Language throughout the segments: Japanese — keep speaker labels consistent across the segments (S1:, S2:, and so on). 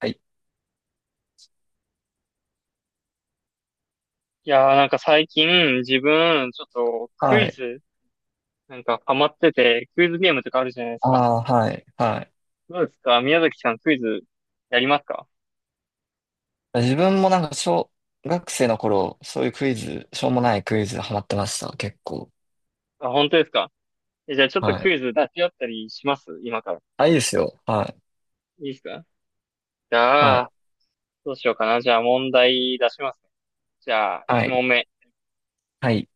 S1: はい。
S2: いやーなんか最近自分ちょっとク
S1: は
S2: イ
S1: い。
S2: ズなんかハマっててクイズゲームとかあるじゃないです
S1: あ
S2: か。
S1: あ、はい。はい。
S2: どうですか宮崎さんクイズやりますか？
S1: 自分もなんか小学生の頃、そういうクイズ、しょうもないクイズハマってました。結構。
S2: あ、本当ですか？え、じゃあちょっと
S1: は
S2: ク
S1: い。
S2: イズ出し合ったりします今から。
S1: あ、いいですよ。はい。
S2: いいですか？じ
S1: は
S2: ゃ
S1: い。
S2: あ、どうしようかな。じゃあ問題出しますね。じゃあ、
S1: はい。
S2: 1問目。
S1: はい。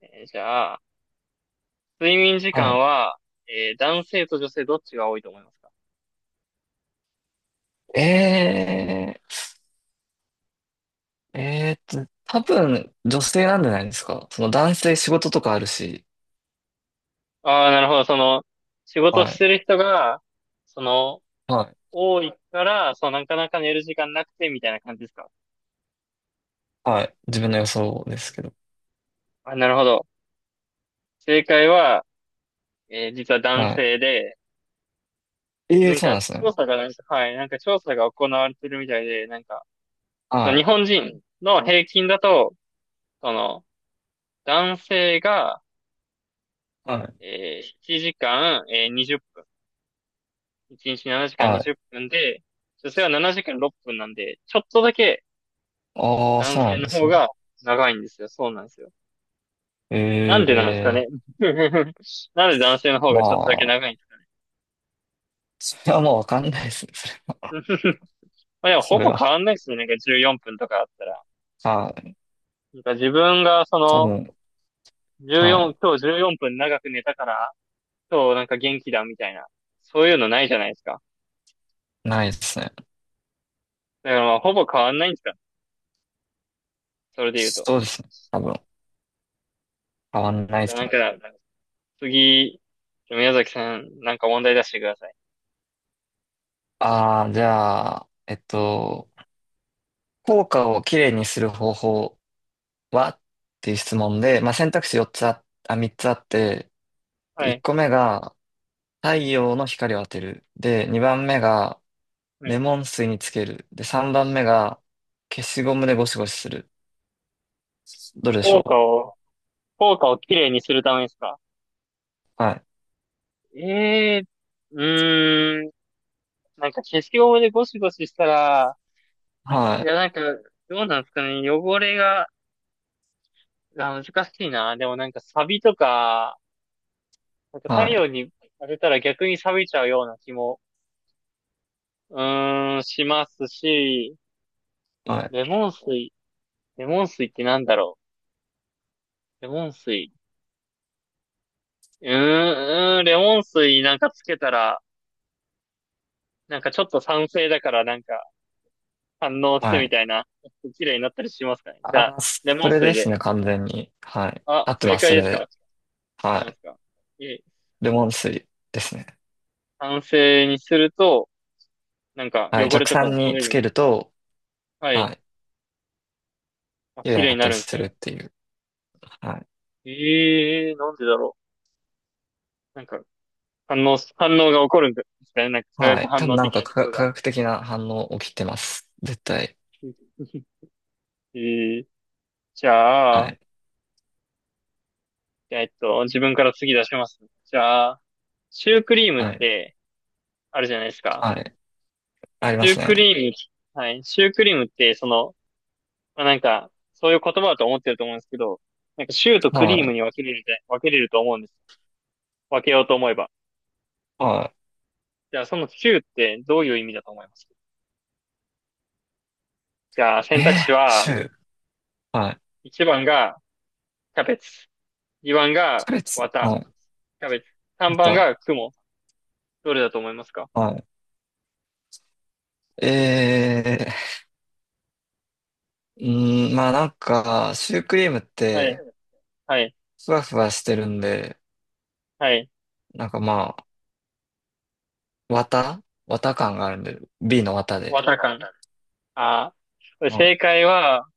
S2: じゃあ、睡眠時
S1: は
S2: 間
S1: い。
S2: は、男性と女性どっちが多いと思いますか？
S1: え多分女性なんじゃないですか。その男性仕事とかあるし。
S2: ああー、なるほど。その、仕事
S1: は
S2: し
S1: い。
S2: てる人が、その、
S1: はい。
S2: 多いから、そう、なかなか寝る時間なくて、みたいな感じですか？
S1: はい。自分の予想ですけど。
S2: あ、なるほど。正解は、実は男
S1: は
S2: 性で、
S1: い。ええー、
S2: なん
S1: そう
S2: か、
S1: なんですね。
S2: 調査がなんか、はい、なんか調査が行われてるみたいで、なんか、そ
S1: は
S2: の日
S1: い。
S2: 本人の平均だと、その、男性が、
S1: はい。
S2: 7時間、20分、1日7時間
S1: はい。
S2: 20分で、女性は7時間6分なんで、ちょっとだけ
S1: ああ、
S2: 男
S1: そうな
S2: 性
S1: ん
S2: の
S1: で
S2: 方
S1: すね。
S2: が長いんですよ。そうなんですよ。なんでな
S1: え
S2: んですか
S1: え
S2: ね。なんで男性の方
S1: ー、
S2: がちょっとだけ
S1: まあ。
S2: 長いんですか？
S1: それはもうわかんないですね。
S2: うん まあでも
S1: そ
S2: ほ
S1: れ
S2: ぼ変
S1: は。
S2: わんないっすよね。なんか14分とかあったら。
S1: それは。はい。
S2: なんか自分がそ
S1: 多
S2: の、
S1: 分、は
S2: 14、
S1: い。
S2: 今日14分長く寝たから、今日なんか元気だみたいな。そういうのないじゃないですか。
S1: ないですね。
S2: だからまあほぼ変わんないんですか。それで言うと。
S1: そうですね。多分、変わんないで
S2: じゃあ
S1: す
S2: なんか、
S1: ね。
S2: 次、宮崎さん、なんか問題出してください。
S1: ああ、じゃあ、効果をきれいにする方法はっていう質問で、まあ、選択肢4つあ、あ、3つあって、
S2: は
S1: 1
S2: い。
S1: 個目が太陽の光を当てる。で、2番目が
S2: は
S1: レ
S2: い。
S1: モン水につける。で、3番目が消しゴムでゴシゴシする。どれでし
S2: 効果
S1: ょ
S2: を、効果をきれいにするためですか。
S1: う？はい。
S2: ええー、うーん。なんか消しゴムでゴシゴシしたら、
S1: は
S2: い
S1: い。
S2: やなんか、どうなんですかね。汚れが、あ、難しいな。でもなんかサビとか、なんか太
S1: は
S2: 陽
S1: い。
S2: に当てたら逆に錆びちゃうような気も、しますし、
S1: はい。
S2: レモン水、レモン水ってなんだろう。レモン水。レモン水なんかつけたら、なんかちょっと酸性だからなんか反応し
S1: は
S2: て
S1: い。は
S2: み
S1: い。
S2: たいな、綺麗になったりしますかね。じゃあ、
S1: あー、
S2: レモ
S1: そ
S2: ン
S1: れ
S2: 水
S1: です
S2: で。
S1: ね、完全に。はい。
S2: あ、
S1: 合って
S2: 正
S1: ます、
S2: 解
S1: そ
S2: で
S1: れ
S2: すか合っ
S1: で。は
S2: てま
S1: い。
S2: すか？いえ、
S1: レモン水ですね。
S2: 酸性にすると、なんか
S1: はい。
S2: 汚れ
S1: 弱
S2: とか
S1: 酸
S2: が取
S1: に
S2: れ
S1: つ
S2: る。
S1: けると、
S2: は
S1: は
S2: い。
S1: い。
S2: あ、
S1: 綺麗
S2: 綺
S1: に
S2: 麗
S1: な
S2: に
S1: った
S2: な
S1: り
S2: るんです
S1: するっ
S2: ね。
S1: ていう。はい。
S2: ええーなんでだろう。なんか、反応が起こるんですかね。なんか、化
S1: は
S2: 学
S1: い。多
S2: 反
S1: 分
S2: 応
S1: なん
S2: 的
S1: か
S2: なとこ
S1: 科
S2: ろが。
S1: 科学的な反応起きてます。絶対。
S2: ええじ
S1: は
S2: ゃあ、
S1: い。
S2: 自分から次出します。じゃあ、シュークリームっ
S1: はい。
S2: て、あるじゃないですか。
S1: はい。ありま
S2: シュー
S1: す
S2: ク
S1: ね。
S2: リーム、はい。シュークリームって、その、まあ、なんか、そういう言葉だと思ってると思うんですけど、なんか、シューとク
S1: は
S2: リーム
S1: い。
S2: に分けれると思うんです。分けようと思えば。
S1: は
S2: じゃあ、そのシューってどういう意味だと思います？じゃあ、
S1: い。
S2: 選択
S1: え
S2: 肢
S1: ー、
S2: は、
S1: シュー。はい。
S2: 1番がキャベツ。2番
S1: キ
S2: が
S1: ャベツ。
S2: 綿、
S1: はい。
S2: キャベツ。
S1: ま
S2: 3番
S1: た。
S2: が雲。どれだと思いますか？
S1: はい。ー、うまあなんか、シュークリームっ
S2: はい、
S1: て、
S2: はい、
S1: ふわふわしてるんで、
S2: はい。
S1: なんかまあ、綿綿感があるんで、B の綿で。
S2: 綿感。ああ。
S1: うん。
S2: 正解は、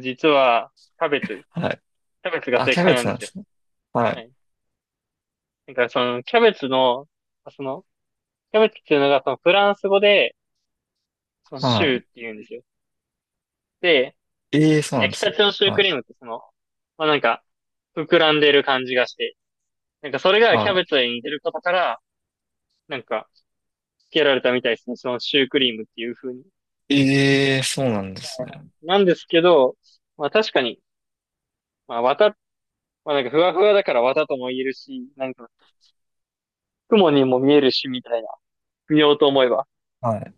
S2: 実は、キャベツ。
S1: はい。
S2: キャベツが
S1: あ、
S2: 正
S1: キャ
S2: 解
S1: ベ
S2: なん
S1: ツ
S2: で
S1: なん
S2: す
S1: で
S2: よ。
S1: すね。は
S2: は
S1: い。
S2: い。だからその、キャベツの、その、キャベツっていうのが、その、フランス語で、その、シューっ
S1: は
S2: て言うんですよ。で、
S1: い。ええ、そうなん
S2: 焼
S1: で
S2: き
S1: す
S2: た
S1: ね。
S2: てのシュークリームってその、まあ、なんか、膨らんでる感じがして、なんかそれがキャベツに似てることから、なんか、付けられたみたいですね。そのシュークリームっていう風に。なんですけど、まあ確かに、まあ綿、まあなんかふわふわだから綿とも言えるし、なんか雲にも見えるしみたいな、見ようと思えば。
S1: はい。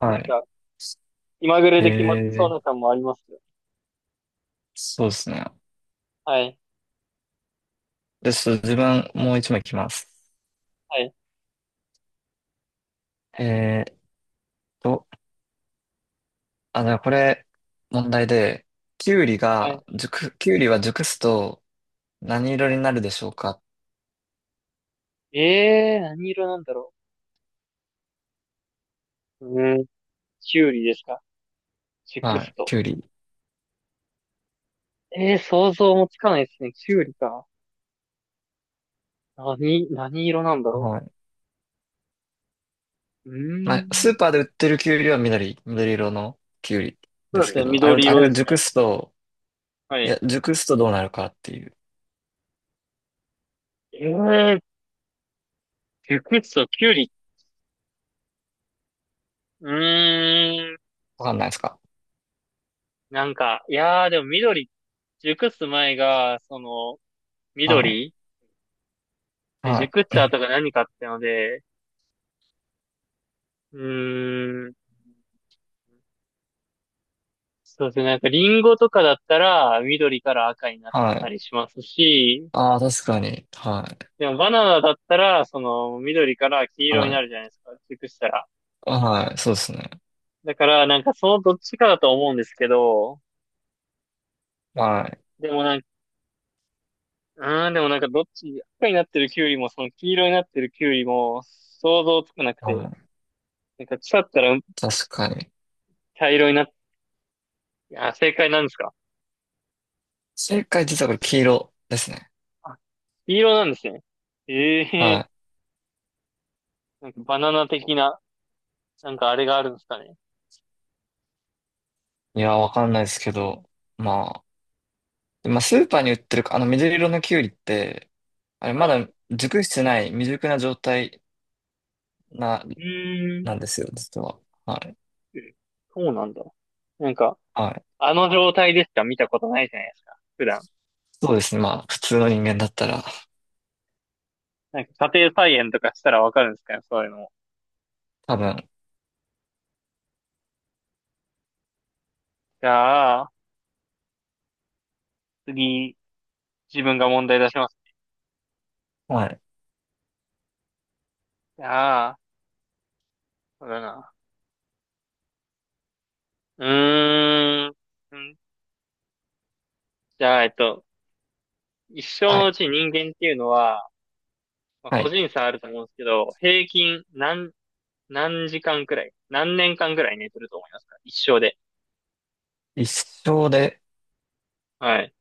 S1: は
S2: なん
S1: い。
S2: か、今ぐらい
S1: え
S2: で決まってそ
S1: え、そうなんですね。はい。は
S2: う
S1: い。え
S2: な
S1: え、
S2: 感もありますよ。
S1: そうですね。
S2: はい、
S1: で、ちょっと自分、もう一枚いきます。
S2: はい、
S1: えーっと、あ、じゃあこれ、問題で、
S2: はい。
S1: キュウリは熟すと何色になるでしょうか？
S2: ええー、何色なんだろう。うーん、キュウリですかチク
S1: は
S2: ス
S1: い。
S2: ト。
S1: キュウリ。
S2: ええー、想像もつかないですね。キュウリか。何色なんだろ
S1: はい。
S2: う。う
S1: ま
S2: ー
S1: あ、スー
S2: ん。
S1: パーで売ってるキュウリは緑色のキュウリ
S2: そ
S1: で
S2: うで
S1: す
S2: す
S1: け
S2: ね、
S1: ど、あれを、
S2: 緑
S1: あ
S2: 色
S1: れ
S2: で
S1: が
S2: す
S1: 熟
S2: ね。
S1: すと、
S2: は
S1: い
S2: い。
S1: や、熟すとどうなるかっていう、
S2: ええー、チクスト、キュウリ。うーん。
S1: わかんないですか？
S2: なんか、いやーでも緑、熟す前が、その、
S1: はい、
S2: 緑で、
S1: は
S2: 熟っ
S1: い、
S2: ちゃうとか何かってので、うーん、そうですね、なんかリンゴとかだったら、緑から赤になっ
S1: は
S2: た
S1: い。
S2: りしますし、
S1: ああ、確かに。はい、
S2: でもバナナだったら、その、緑から黄色にな
S1: は
S2: るじゃないですか、熟したら。
S1: い、はい、そうですね。
S2: だから、なんかそのどっちかだと思うんですけど、
S1: はい、
S2: でもなんか、でもなんかどっち、赤になってるキュウリも、その黄色になってるキュウリも、想像つかなく
S1: は
S2: て、
S1: い、
S2: なんか腐ったら
S1: 確かに。
S2: 茶色になっいや、正解なんですか？
S1: 正解実はこれ黄色ですね。
S2: あ、黄色なんですね。ええー
S1: は
S2: なんかバナナ的な、なんかあれがあるんですかね。
S1: い。いや、わかんないですけど、ままあ、スーパーに売ってるか、あの緑色のキュウリって、あれ、ま
S2: は
S1: だ熟してない、未熟な状態な、
S2: い。うー
S1: な
S2: ん。
S1: んですよ、実は。はい。
S2: えそうなんだ。なんか、
S1: はい。
S2: あの状態でしか見たことないじゃないですか。普段。
S1: そうですね。まあ、普通の人間だったら、
S2: なんか家庭菜園とかしたらわかるんですかね、そういうのも。
S1: 多分、
S2: じゃあ、次、自分が問題出します。
S1: はい、
S2: じゃあ、そうだな。うーん。んじゃあ、一生
S1: は
S2: のう
S1: い、
S2: ち人間っていうのは、まあ、
S1: は
S2: 個
S1: い。
S2: 人差あると思うんですけど、平均何時間くらい、何年間くらい寝てると思いますか一生で。
S1: 一生で、
S2: はい。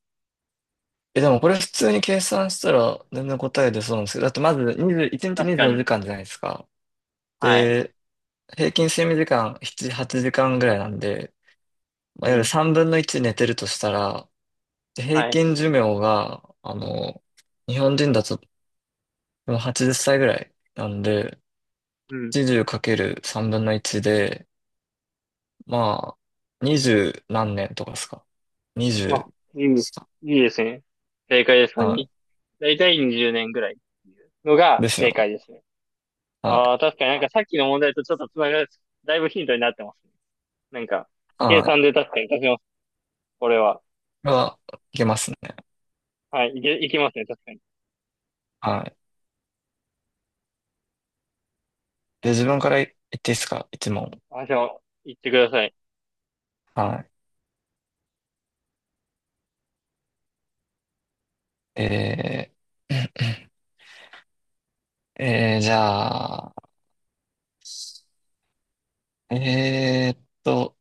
S1: え、でもこれ普通に計算したら全然答え出そうなんですけど、だってまず20、1日
S2: 確
S1: 24
S2: か
S1: 時
S2: に。
S1: 間じゅうよじかんじゃないですか。
S2: はい。
S1: で、平均睡眠時間7、8時間ぐらいなんで、
S2: う
S1: まあ、いわゆる
S2: ん。
S1: 3分の1寝てるとしたら、で平
S2: はい。
S1: 均寿命が、あの、日本人だとでも80歳ぐらいなんで、
S2: うん。
S1: 80かける3分の1で、まあ、二十何年とかですか？二
S2: あ、
S1: 十、
S2: いいです。いいですね。正解ですか
S1: は
S2: に、だいたい20年ぐらいっていうの
S1: い。
S2: が
S1: ですよ
S2: 正
S1: ね。
S2: 解ですね。
S1: はい。
S2: ああ、確かになんかさっきの問題とちょっとつながる、だいぶヒントになってますね。なんか、計
S1: は
S2: 算
S1: い。
S2: で確かに出せます。これは。
S1: は、いけますね。
S2: はい。いきますね。確かに。
S1: はい。で、自分から言っていいですか、一問。
S2: あ、じゃあ、言ってください。
S1: はい。ー、じゃあ、えーっと、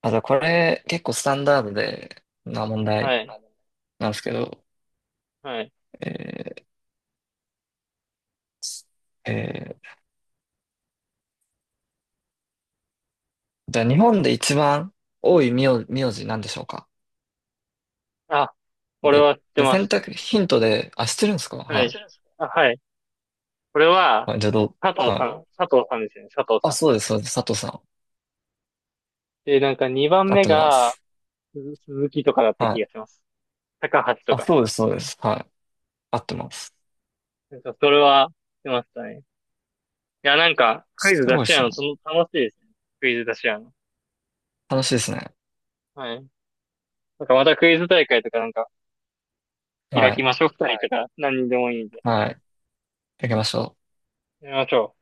S1: あ、じゃあこれ結構スタンダードでな問
S2: は
S1: 題
S2: い。
S1: なんですけど、
S2: はい。
S1: えー、えじゃあ日本で一番多い名字なんでしょうか？
S2: あ、これ
S1: で、
S2: は知って
S1: で、
S2: ま
S1: 選
S2: す。
S1: 択ヒントで、あ、知ってるんですか？
S2: はい。
S1: はい。
S2: あ、はい。これは、
S1: あ、じゃあどう、
S2: 佐藤
S1: は
S2: さ
S1: い。
S2: ん、佐藤さんですよね、佐藤
S1: あ、
S2: さん。
S1: そうです、そうです。佐藤さん。
S2: で、なんか2番
S1: 合っ
S2: 目
S1: てま
S2: が、
S1: す。
S2: 鈴木とかだった
S1: は
S2: 気が
S1: い。
S2: します。高橋と
S1: あ、
S2: か。
S1: そうです、そうです。はい。合ってます。
S2: なんかそれは、出ましたね。いや、なんか、クイ
S1: す
S2: ズ出
S1: ごいで
S2: し合
S1: す
S2: う
S1: ね。
S2: の、その、楽しいですね。クイズ出し合うの。
S1: 楽しいですね。
S2: はい。なんかまたクイズ大会とかなんか、
S1: は
S2: 開き
S1: い。
S2: ましょう、二人とか、何人でもいいんで。
S1: はい。やりましょう。
S2: やりましょう。